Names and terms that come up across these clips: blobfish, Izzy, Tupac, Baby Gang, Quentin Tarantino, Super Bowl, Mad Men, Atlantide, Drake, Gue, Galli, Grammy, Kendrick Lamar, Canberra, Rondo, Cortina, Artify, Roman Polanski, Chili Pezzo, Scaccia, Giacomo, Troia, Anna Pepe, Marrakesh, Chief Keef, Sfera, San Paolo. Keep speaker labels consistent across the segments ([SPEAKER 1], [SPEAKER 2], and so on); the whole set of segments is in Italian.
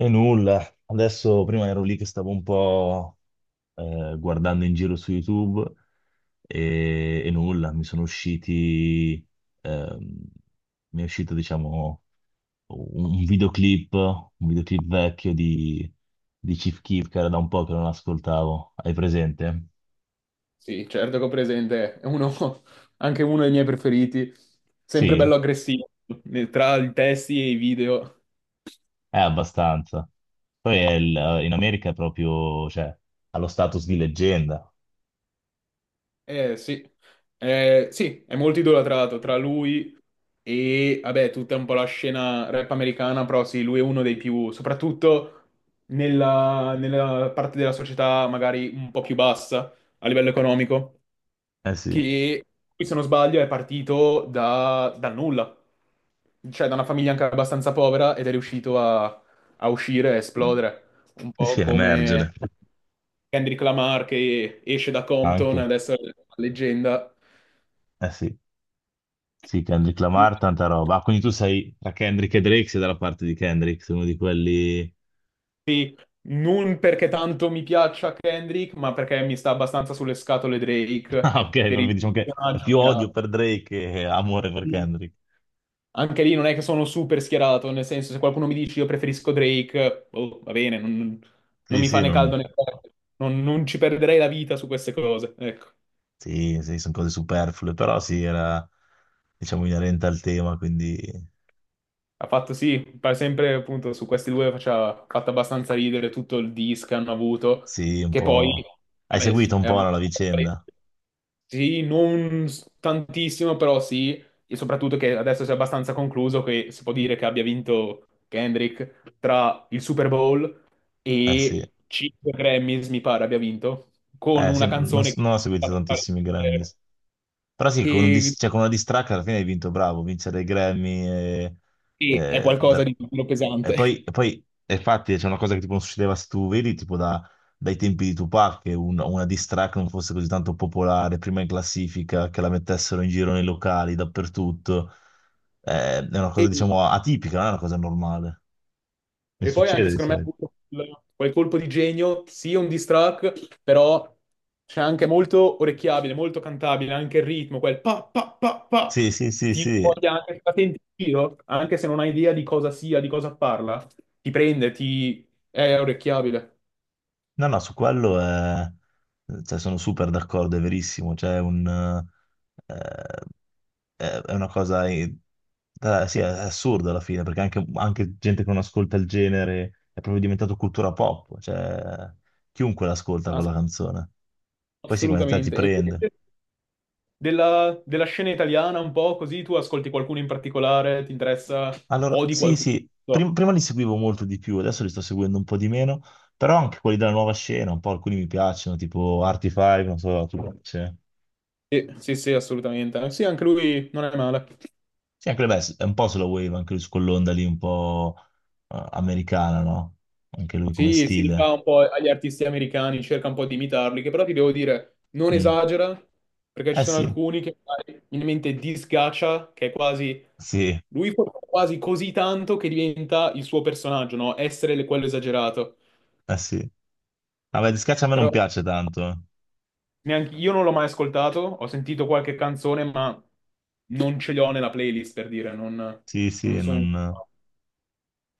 [SPEAKER 1] E nulla, adesso prima ero lì che stavo un po' guardando in giro su YouTube e nulla, mi sono usciti, ehm, mi è uscito diciamo un videoclip, un videoclip vecchio di Chief Keef che era da un po' che non ascoltavo, hai presente?
[SPEAKER 2] Sì, certo che ho presente, è uno, anche uno dei miei preferiti, sempre
[SPEAKER 1] Sì,
[SPEAKER 2] bello aggressivo, tra i testi e i video.
[SPEAKER 1] è abbastanza. Poi è in America è proprio, cioè, ha lo status di leggenda.
[SPEAKER 2] Eh sì, Eh, sì, è molto idolatrato tra lui e, vabbè, tutta un po' la scena rap americana, però sì, lui è uno dei più, soprattutto nella parte della società magari un po' più bassa a livello economico.
[SPEAKER 1] Eh sì,
[SPEAKER 2] Che, lui, se non sbaglio, è partito dal nulla, cioè da una famiglia anche abbastanza povera ed è riuscito a uscire e esplodere, un
[SPEAKER 1] sì, sì,
[SPEAKER 2] po' come
[SPEAKER 1] emergere
[SPEAKER 2] Kendrick Lamar che esce da Compton,
[SPEAKER 1] anche,
[SPEAKER 2] adesso è una leggenda.
[SPEAKER 1] eh sì. Sì, Kendrick Lamar, tanta roba. Ah, quindi tu sei tra Kendrick e Drake, sei dalla parte di Kendrick, sei uno di quelli...
[SPEAKER 2] Sì, non perché tanto mi piaccia Kendrick, ma perché mi sta abbastanza sulle scatole
[SPEAKER 1] Ah,
[SPEAKER 2] Drake
[SPEAKER 1] ok,
[SPEAKER 2] per
[SPEAKER 1] proprio
[SPEAKER 2] il
[SPEAKER 1] diciamo che è
[SPEAKER 2] personaggio
[SPEAKER 1] più
[SPEAKER 2] che
[SPEAKER 1] odio
[SPEAKER 2] ha.
[SPEAKER 1] per Drake che amore per Kendrick.
[SPEAKER 2] Anche lì non è che sono super schierato, nel senso se qualcuno mi dice io preferisco Drake, oh, va bene, non, non,
[SPEAKER 1] Sì,
[SPEAKER 2] mi fa
[SPEAKER 1] sì,
[SPEAKER 2] né
[SPEAKER 1] non...
[SPEAKER 2] caldo né forte, non ci perderei la vita su queste cose, ecco.
[SPEAKER 1] sì, sì, sono cose superflue, però sì, era, diciamo, inerente al tema, quindi
[SPEAKER 2] Ha fatto sì, pare sempre appunto su questi due faceva, ha fatto abbastanza ridere tutto il dis che hanno avuto,
[SPEAKER 1] sì, un
[SPEAKER 2] che poi,
[SPEAKER 1] po'... Hai
[SPEAKER 2] vabbè,
[SPEAKER 1] seguito un
[SPEAKER 2] è
[SPEAKER 1] po', no, la
[SPEAKER 2] abbastanza.
[SPEAKER 1] vicenda?
[SPEAKER 2] Sì, non tantissimo, però sì, e soprattutto che adesso si è abbastanza concluso che si può dire che abbia vinto Kendrick tra il Super Bowl
[SPEAKER 1] Eh sì,
[SPEAKER 2] e 5 Grammys, mi pare abbia vinto, con
[SPEAKER 1] sì
[SPEAKER 2] una
[SPEAKER 1] non,
[SPEAKER 2] canzone che è
[SPEAKER 1] non ho seguito
[SPEAKER 2] stata
[SPEAKER 1] tantissimi Grammys. Però sì, con, un
[SPEAKER 2] e,
[SPEAKER 1] cioè, con una diss track alla fine hai vinto, bravo, vincere i Grammy
[SPEAKER 2] e è
[SPEAKER 1] e-
[SPEAKER 2] qualcosa di più
[SPEAKER 1] e poi,
[SPEAKER 2] pesante.
[SPEAKER 1] e poi- e infatti c'è una cosa che tipo non succedeva se tu vedi tipo dai tempi di Tupac che una diss track non fosse così tanto popolare, prima in classifica, che la mettessero in giro nei locali, dappertutto. È una
[SPEAKER 2] E
[SPEAKER 1] cosa diciamo atipica, non è una cosa normale. Non
[SPEAKER 2] E poi anche
[SPEAKER 1] succede di
[SPEAKER 2] secondo me ha
[SPEAKER 1] solito.
[SPEAKER 2] avuto quel colpo di genio, sì, un diss track, però c'è anche molto orecchiabile, molto cantabile, anche il ritmo, quel pa pa pa pa,
[SPEAKER 1] Sì, sì, sì,
[SPEAKER 2] ti
[SPEAKER 1] sì.
[SPEAKER 2] voglia anche se la senti in giro, anche se non hai idea di cosa sia, di cosa parla, ti prende, ti... è orecchiabile,
[SPEAKER 1] No, no, su quello. Cioè, sono super d'accordo, è verissimo. Cioè, è un, eh, è una cosa sì, è assurda alla fine, perché anche, anche gente che non ascolta il genere è proprio diventato cultura pop. Cioè, chiunque l'ascolta
[SPEAKER 2] ass-
[SPEAKER 1] quella canzone. Poi sì, come te ti
[SPEAKER 2] assolutamente. E
[SPEAKER 1] prende.
[SPEAKER 2] invece della scena italiana un po' così, tu ascolti qualcuno in particolare, ti interessa,
[SPEAKER 1] Allora,
[SPEAKER 2] odi
[SPEAKER 1] sì,
[SPEAKER 2] qualcuno?
[SPEAKER 1] sì,
[SPEAKER 2] No.
[SPEAKER 1] prima li seguivo molto di più, adesso li sto seguendo un po' di meno, però anche quelli della nuova scena, un po' alcuni mi piacciono, tipo Artify, non so, tu piace?
[SPEAKER 2] Sì, sì, sì, assolutamente. Sì, anche lui non è male.
[SPEAKER 1] Sì, anche beh, è un po' sulla wave, anche lui su quell'onda lì un po' americana, no? Anche lui come
[SPEAKER 2] Sì, si
[SPEAKER 1] stile.
[SPEAKER 2] rifà un po' agli artisti americani, cerca un po' di imitarli, che però ti devo dire, non
[SPEAKER 1] Mm.
[SPEAKER 2] esagera, perché ci
[SPEAKER 1] Eh
[SPEAKER 2] sono
[SPEAKER 1] sì,
[SPEAKER 2] alcuni che magari, in mente disgaccia, che è quasi...
[SPEAKER 1] sì,
[SPEAKER 2] Lui fa quasi così tanto che diventa il suo personaggio, no? Essere quello esagerato.
[SPEAKER 1] eh sì. Vabbè, di Scaccia a me non
[SPEAKER 2] Però
[SPEAKER 1] piace tanto, eh.
[SPEAKER 2] neanche io non l'ho mai ascoltato, ho sentito qualche canzone, ma non ce l'ho nella playlist, per dire, non,
[SPEAKER 1] Sì,
[SPEAKER 2] non
[SPEAKER 1] sì,
[SPEAKER 2] sono...
[SPEAKER 1] non...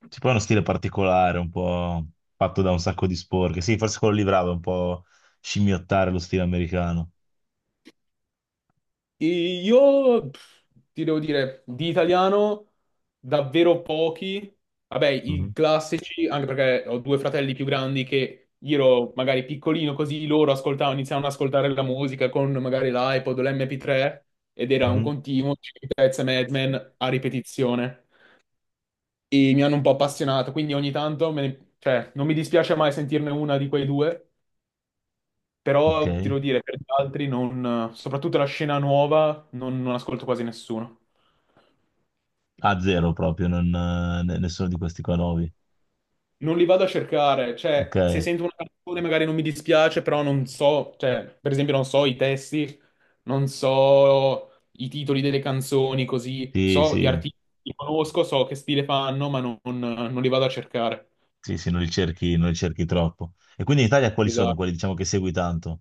[SPEAKER 1] C'è poi uno stile particolare, un po' fatto da un sacco di sporche. Sì, forse quello lì bravo, è un po' scimmiottare lo stile americano.
[SPEAKER 2] E io pff, ti devo dire, di italiano davvero pochi. Vabbè, i
[SPEAKER 1] Mhm,
[SPEAKER 2] classici, anche perché ho due fratelli più grandi che io ero magari piccolino, così loro ascoltavano, iniziavano ad ascoltare la musica con magari l'iPod o l'MP3 ed era un
[SPEAKER 1] mhm.
[SPEAKER 2] continuo Chili Pezzi e Mad Men a ripetizione. E mi hanno un po' appassionato, quindi ogni tanto cioè, non mi dispiace mai sentirne una di quei due.
[SPEAKER 1] Ok.
[SPEAKER 2] Però ti devo dire, per gli altri, non, soprattutto la scena nuova, non ascolto quasi nessuno.
[SPEAKER 1] A zero proprio, non, nessuno di questi qua nuovi.
[SPEAKER 2] Non li vado a cercare,
[SPEAKER 1] Ok,
[SPEAKER 2] cioè, se sento una canzone magari non mi dispiace, però non so, cioè, per esempio non so i testi, non so i titoli delle canzoni, così,
[SPEAKER 1] sì,
[SPEAKER 2] so gli
[SPEAKER 1] sì.
[SPEAKER 2] artisti, li conosco, so che stile fanno, ma non li vado a cercare.
[SPEAKER 1] Sì, sì, non li cerchi, non li cerchi troppo. E quindi in Italia quali sono
[SPEAKER 2] Esatto.
[SPEAKER 1] quelli, diciamo, che segui tanto?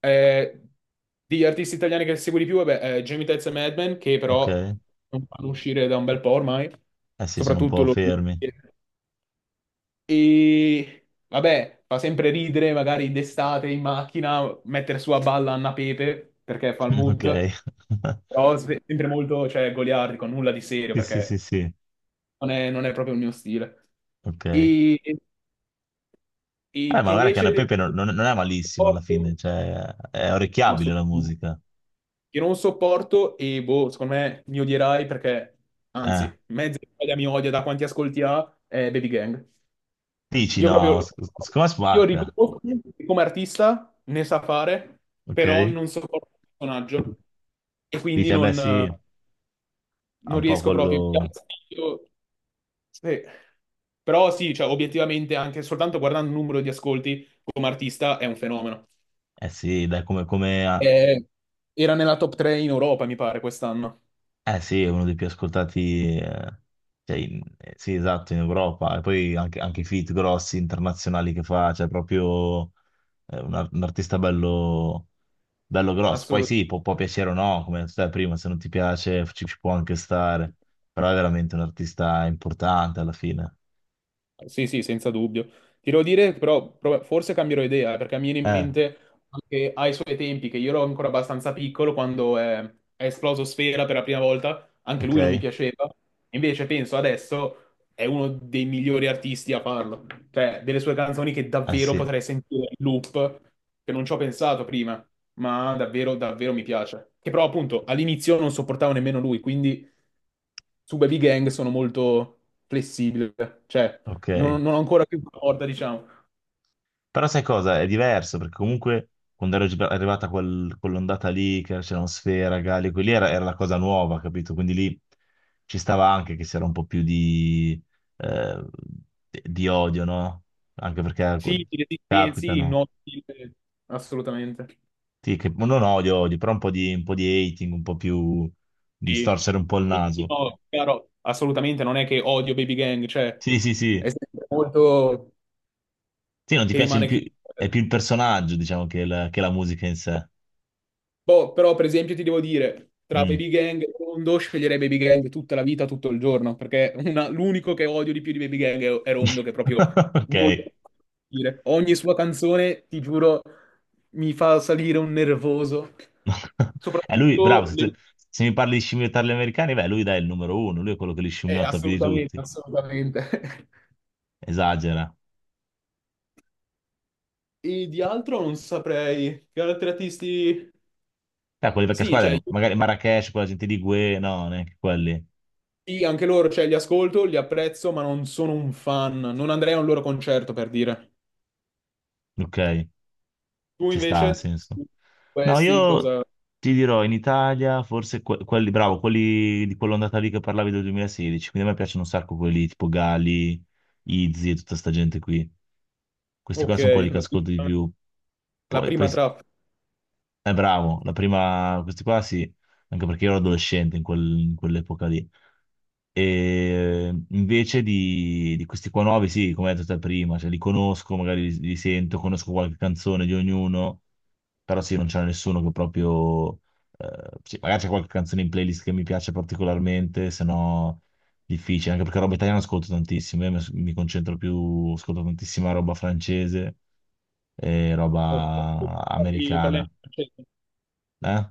[SPEAKER 2] Eh, degli artisti italiani che segui di più, vabbè, Jamie Tezza e Mad Men, che
[SPEAKER 1] Ok?
[SPEAKER 2] però
[SPEAKER 1] Eh
[SPEAKER 2] non fanno uscire da un bel po' ormai,
[SPEAKER 1] sì, sono un
[SPEAKER 2] soprattutto
[SPEAKER 1] po'
[SPEAKER 2] lo...
[SPEAKER 1] fermi.
[SPEAKER 2] E vabbè, fa sempre ridere, magari d'estate in macchina, mettere su a balla Anna Pepe, perché fa il
[SPEAKER 1] Ok.
[SPEAKER 2] mood, però sempre molto, cioè, goliardico, nulla di serio,
[SPEAKER 1] Sì, sì, sì,
[SPEAKER 2] perché
[SPEAKER 1] sì.
[SPEAKER 2] non è proprio il mio stile.
[SPEAKER 1] Ok.
[SPEAKER 2] E,
[SPEAKER 1] Ma
[SPEAKER 2] e che
[SPEAKER 1] guarda che
[SPEAKER 2] invece...
[SPEAKER 1] Anna Pepe non, non è malissimo alla fine, cioè, è
[SPEAKER 2] No,
[SPEAKER 1] orecchiabile la
[SPEAKER 2] assolutamente.
[SPEAKER 1] musica.
[SPEAKER 2] Io non sopporto e boh, secondo me mi odierai perché,
[SPEAKER 1] Eh.
[SPEAKER 2] anzi, mezza Italia mi odia da quanti ascolti ha, è Baby Gang.
[SPEAKER 1] Dici
[SPEAKER 2] Io
[SPEAKER 1] no,
[SPEAKER 2] proprio,
[SPEAKER 1] secondo me
[SPEAKER 2] io
[SPEAKER 1] spacca.
[SPEAKER 2] riconosco che come artista ne sa fare, però
[SPEAKER 1] Ok?
[SPEAKER 2] non sopporto il personaggio e quindi
[SPEAKER 1] Dici, eh beh
[SPEAKER 2] non,
[SPEAKER 1] sì,
[SPEAKER 2] non
[SPEAKER 1] ha un po'
[SPEAKER 2] riesco proprio. Mi dà
[SPEAKER 1] quello...
[SPEAKER 2] fastidio. Sì. Però sì, cioè, obiettivamente anche soltanto guardando il numero di ascolti come artista è un fenomeno.
[SPEAKER 1] Eh sì, dai, come, come
[SPEAKER 2] Eh, era nella top 3 in Europa, mi pare, quest'anno.
[SPEAKER 1] eh sì, è uno dei più ascoltati, cioè, sì, esatto, in Europa. E poi anche, anche i feat grossi internazionali che fa, cioè proprio un artista bello, bello grosso. Poi sì, può, può
[SPEAKER 2] Assolutamente.
[SPEAKER 1] piacere o no, come stai prima, se non ti piace ci, ci può anche stare, però è veramente un artista importante alla fine.
[SPEAKER 2] Sì, sì, senza dubbio. Ti devo dire, però, forse cambierò idea, perché mi viene in
[SPEAKER 1] Eh,
[SPEAKER 2] mente anche ai suoi tempi, che io ero ancora abbastanza piccolo, quando è esploso Sfera per la prima volta, anche
[SPEAKER 1] ok,
[SPEAKER 2] lui non mi
[SPEAKER 1] eh
[SPEAKER 2] piaceva. Invece penso adesso è uno dei migliori artisti a farlo. Cioè, delle sue canzoni che davvero
[SPEAKER 1] sì,
[SPEAKER 2] potrei sentire in loop, che non ci ho pensato prima, ma davvero, davvero mi piace. Che però, appunto, all'inizio non sopportavo nemmeno lui, quindi su Baby Gang sono molto flessibile, cioè
[SPEAKER 1] ok.
[SPEAKER 2] non ho ancora più la porta, diciamo.
[SPEAKER 1] Però sai cosa? È diverso perché comunque quando ero arrivata quell'ondata lì, che c'erano Sfera, Galli, quelli era, era la cosa nuova, capito? Quindi lì ci stava anche che c'era un po' più eh, di odio, no? Anche perché
[SPEAKER 2] Sì, i resistenzi, il
[SPEAKER 1] capitano.
[SPEAKER 2] no, stile, assolutamente.
[SPEAKER 1] Sì, che non odio, odio, però un po' di hating, un po' più di
[SPEAKER 2] Sì.
[SPEAKER 1] storcere un po' il
[SPEAKER 2] Sì, sì,
[SPEAKER 1] naso.
[SPEAKER 2] no, chiaro, assolutamente, non è che odio Baby Gang, cioè
[SPEAKER 1] Sì, sì,
[SPEAKER 2] è
[SPEAKER 1] sì.
[SPEAKER 2] sempre molto
[SPEAKER 1] Sì, non ti
[SPEAKER 2] che
[SPEAKER 1] piace il
[SPEAKER 2] rimane
[SPEAKER 1] più,
[SPEAKER 2] chiuso.
[SPEAKER 1] è più il personaggio, diciamo, che la musica in sé.
[SPEAKER 2] Boh, però per esempio ti devo dire, tra
[SPEAKER 1] Mm.
[SPEAKER 2] Baby Gang e Rondo sceglierei Baby Gang tutta la vita, tutto il giorno, perché l'unico che odio di più di Baby Gang è Rondo, che proprio
[SPEAKER 1] Ok.
[SPEAKER 2] non lo posso dire. Ogni sua canzone, ti giuro, mi fa salire un nervoso.
[SPEAKER 1] Lui, bravo,
[SPEAKER 2] Soprattutto
[SPEAKER 1] se,
[SPEAKER 2] le...
[SPEAKER 1] se mi parli di scimmiottare gli americani, beh, lui dai, è il numero uno, lui è quello che li scimmiotta più di
[SPEAKER 2] assolutamente,
[SPEAKER 1] tutti.
[SPEAKER 2] assolutamente.
[SPEAKER 1] Esagera.
[SPEAKER 2] E di altro non saprei. Che altri artisti...
[SPEAKER 1] Quelle vecchie
[SPEAKER 2] Sì, cioè,
[SPEAKER 1] squadre, magari Marrakesh, quella gente di Gue, no, neanche quelli.
[SPEAKER 2] sì, anche loro, cioè, li ascolto, li apprezzo, ma non sono un fan. Non andrei a un loro concerto, per dire.
[SPEAKER 1] Ok,
[SPEAKER 2] Tu
[SPEAKER 1] ci sta, ha
[SPEAKER 2] invece,
[SPEAKER 1] senso. No,
[SPEAKER 2] questi
[SPEAKER 1] io
[SPEAKER 2] cosa...
[SPEAKER 1] ti dirò, in Italia, forse quelli, bravo, quelli di quell'ondata lì che parlavi del 2016, quindi a me piacciono un sacco quelli tipo Gali, Izzy e tutta sta gente qui. Questi qua
[SPEAKER 2] Ok,
[SPEAKER 1] sono quelli che
[SPEAKER 2] la
[SPEAKER 1] ascolto di
[SPEAKER 2] prima,
[SPEAKER 1] più.
[SPEAKER 2] la
[SPEAKER 1] Poi, poi
[SPEAKER 2] prima trappola.
[SPEAKER 1] eh, bravo, la prima, questi qua sì, anche perché io ero adolescente in in quell'epoca lì. E invece di questi qua nuovi, sì, come hai detto te prima, cioè li conosco, magari li, li sento, conosco qualche canzone di ognuno, però sì, non c'è nessuno che proprio... sì, magari c'è qualche canzone in playlist che mi piace particolarmente, se no difficile, anche perché roba italiana ascolto tantissimo, io mi, mi concentro più, ascolto tantissima roba francese e
[SPEAKER 2] Ok.
[SPEAKER 1] roba americana.
[SPEAKER 2] Parli francese?
[SPEAKER 1] Eh?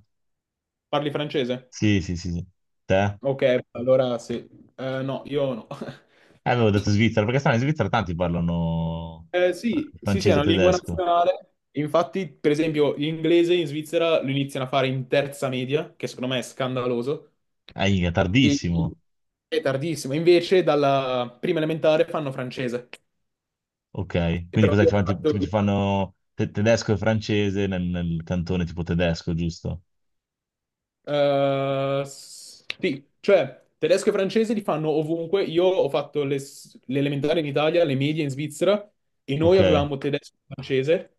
[SPEAKER 2] Parli francese?
[SPEAKER 1] Sì, sì, sì, sì. Te?
[SPEAKER 2] Ok, allora sì. No, io no.
[SPEAKER 1] Avevo detto Svizzera, perché stanno in Svizzera tanti parlano
[SPEAKER 2] Sì, sì, sì, è
[SPEAKER 1] francese e
[SPEAKER 2] una lingua
[SPEAKER 1] tedesco.
[SPEAKER 2] nazionale. Infatti, per esempio, l'inglese in Svizzera lo iniziano a fare in terza media, che secondo me è scandaloso.
[SPEAKER 1] È
[SPEAKER 2] E
[SPEAKER 1] tardissimo.
[SPEAKER 2] è tardissimo. Invece, dalla prima elementare fanno francese.
[SPEAKER 1] Ok,
[SPEAKER 2] E
[SPEAKER 1] quindi
[SPEAKER 2] però
[SPEAKER 1] cos'è? Ti
[SPEAKER 2] io ho
[SPEAKER 1] fanno,
[SPEAKER 2] fatto...
[SPEAKER 1] ti fanno tedesco e francese nel, nel cantone tipo tedesco, giusto?
[SPEAKER 2] Sì, cioè tedesco e francese li fanno ovunque. Io ho fatto le elementari in Italia, le medie in Svizzera e noi
[SPEAKER 1] Ok,
[SPEAKER 2] avevamo tedesco e francese,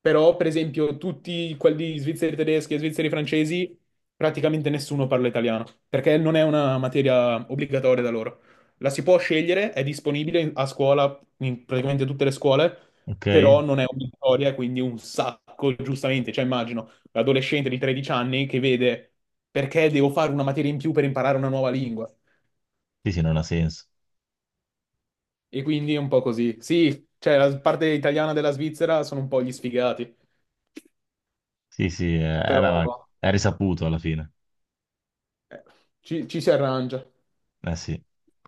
[SPEAKER 2] però per esempio tutti quelli svizzeri tedeschi e svizzeri francesi praticamente nessuno parla italiano perché non è una materia obbligatoria da loro. La si può scegliere, è disponibile a scuola, in praticamente tutte le scuole,
[SPEAKER 1] ok.
[SPEAKER 2] però non è obbligatoria, quindi un sacco, giustamente, cioè immagino l'adolescente di 13 anni che vede perché devo fare una materia in più per imparare una nuova lingua.
[SPEAKER 1] Sì, sì, non ha senso.
[SPEAKER 2] E quindi è un po' così. Sì, cioè la parte italiana della Svizzera sono un po' gli sfigati,
[SPEAKER 1] Sì, sì, ma
[SPEAKER 2] però
[SPEAKER 1] è risaputo alla fine.
[SPEAKER 2] eh, ci si arrangia.
[SPEAKER 1] Eh sì.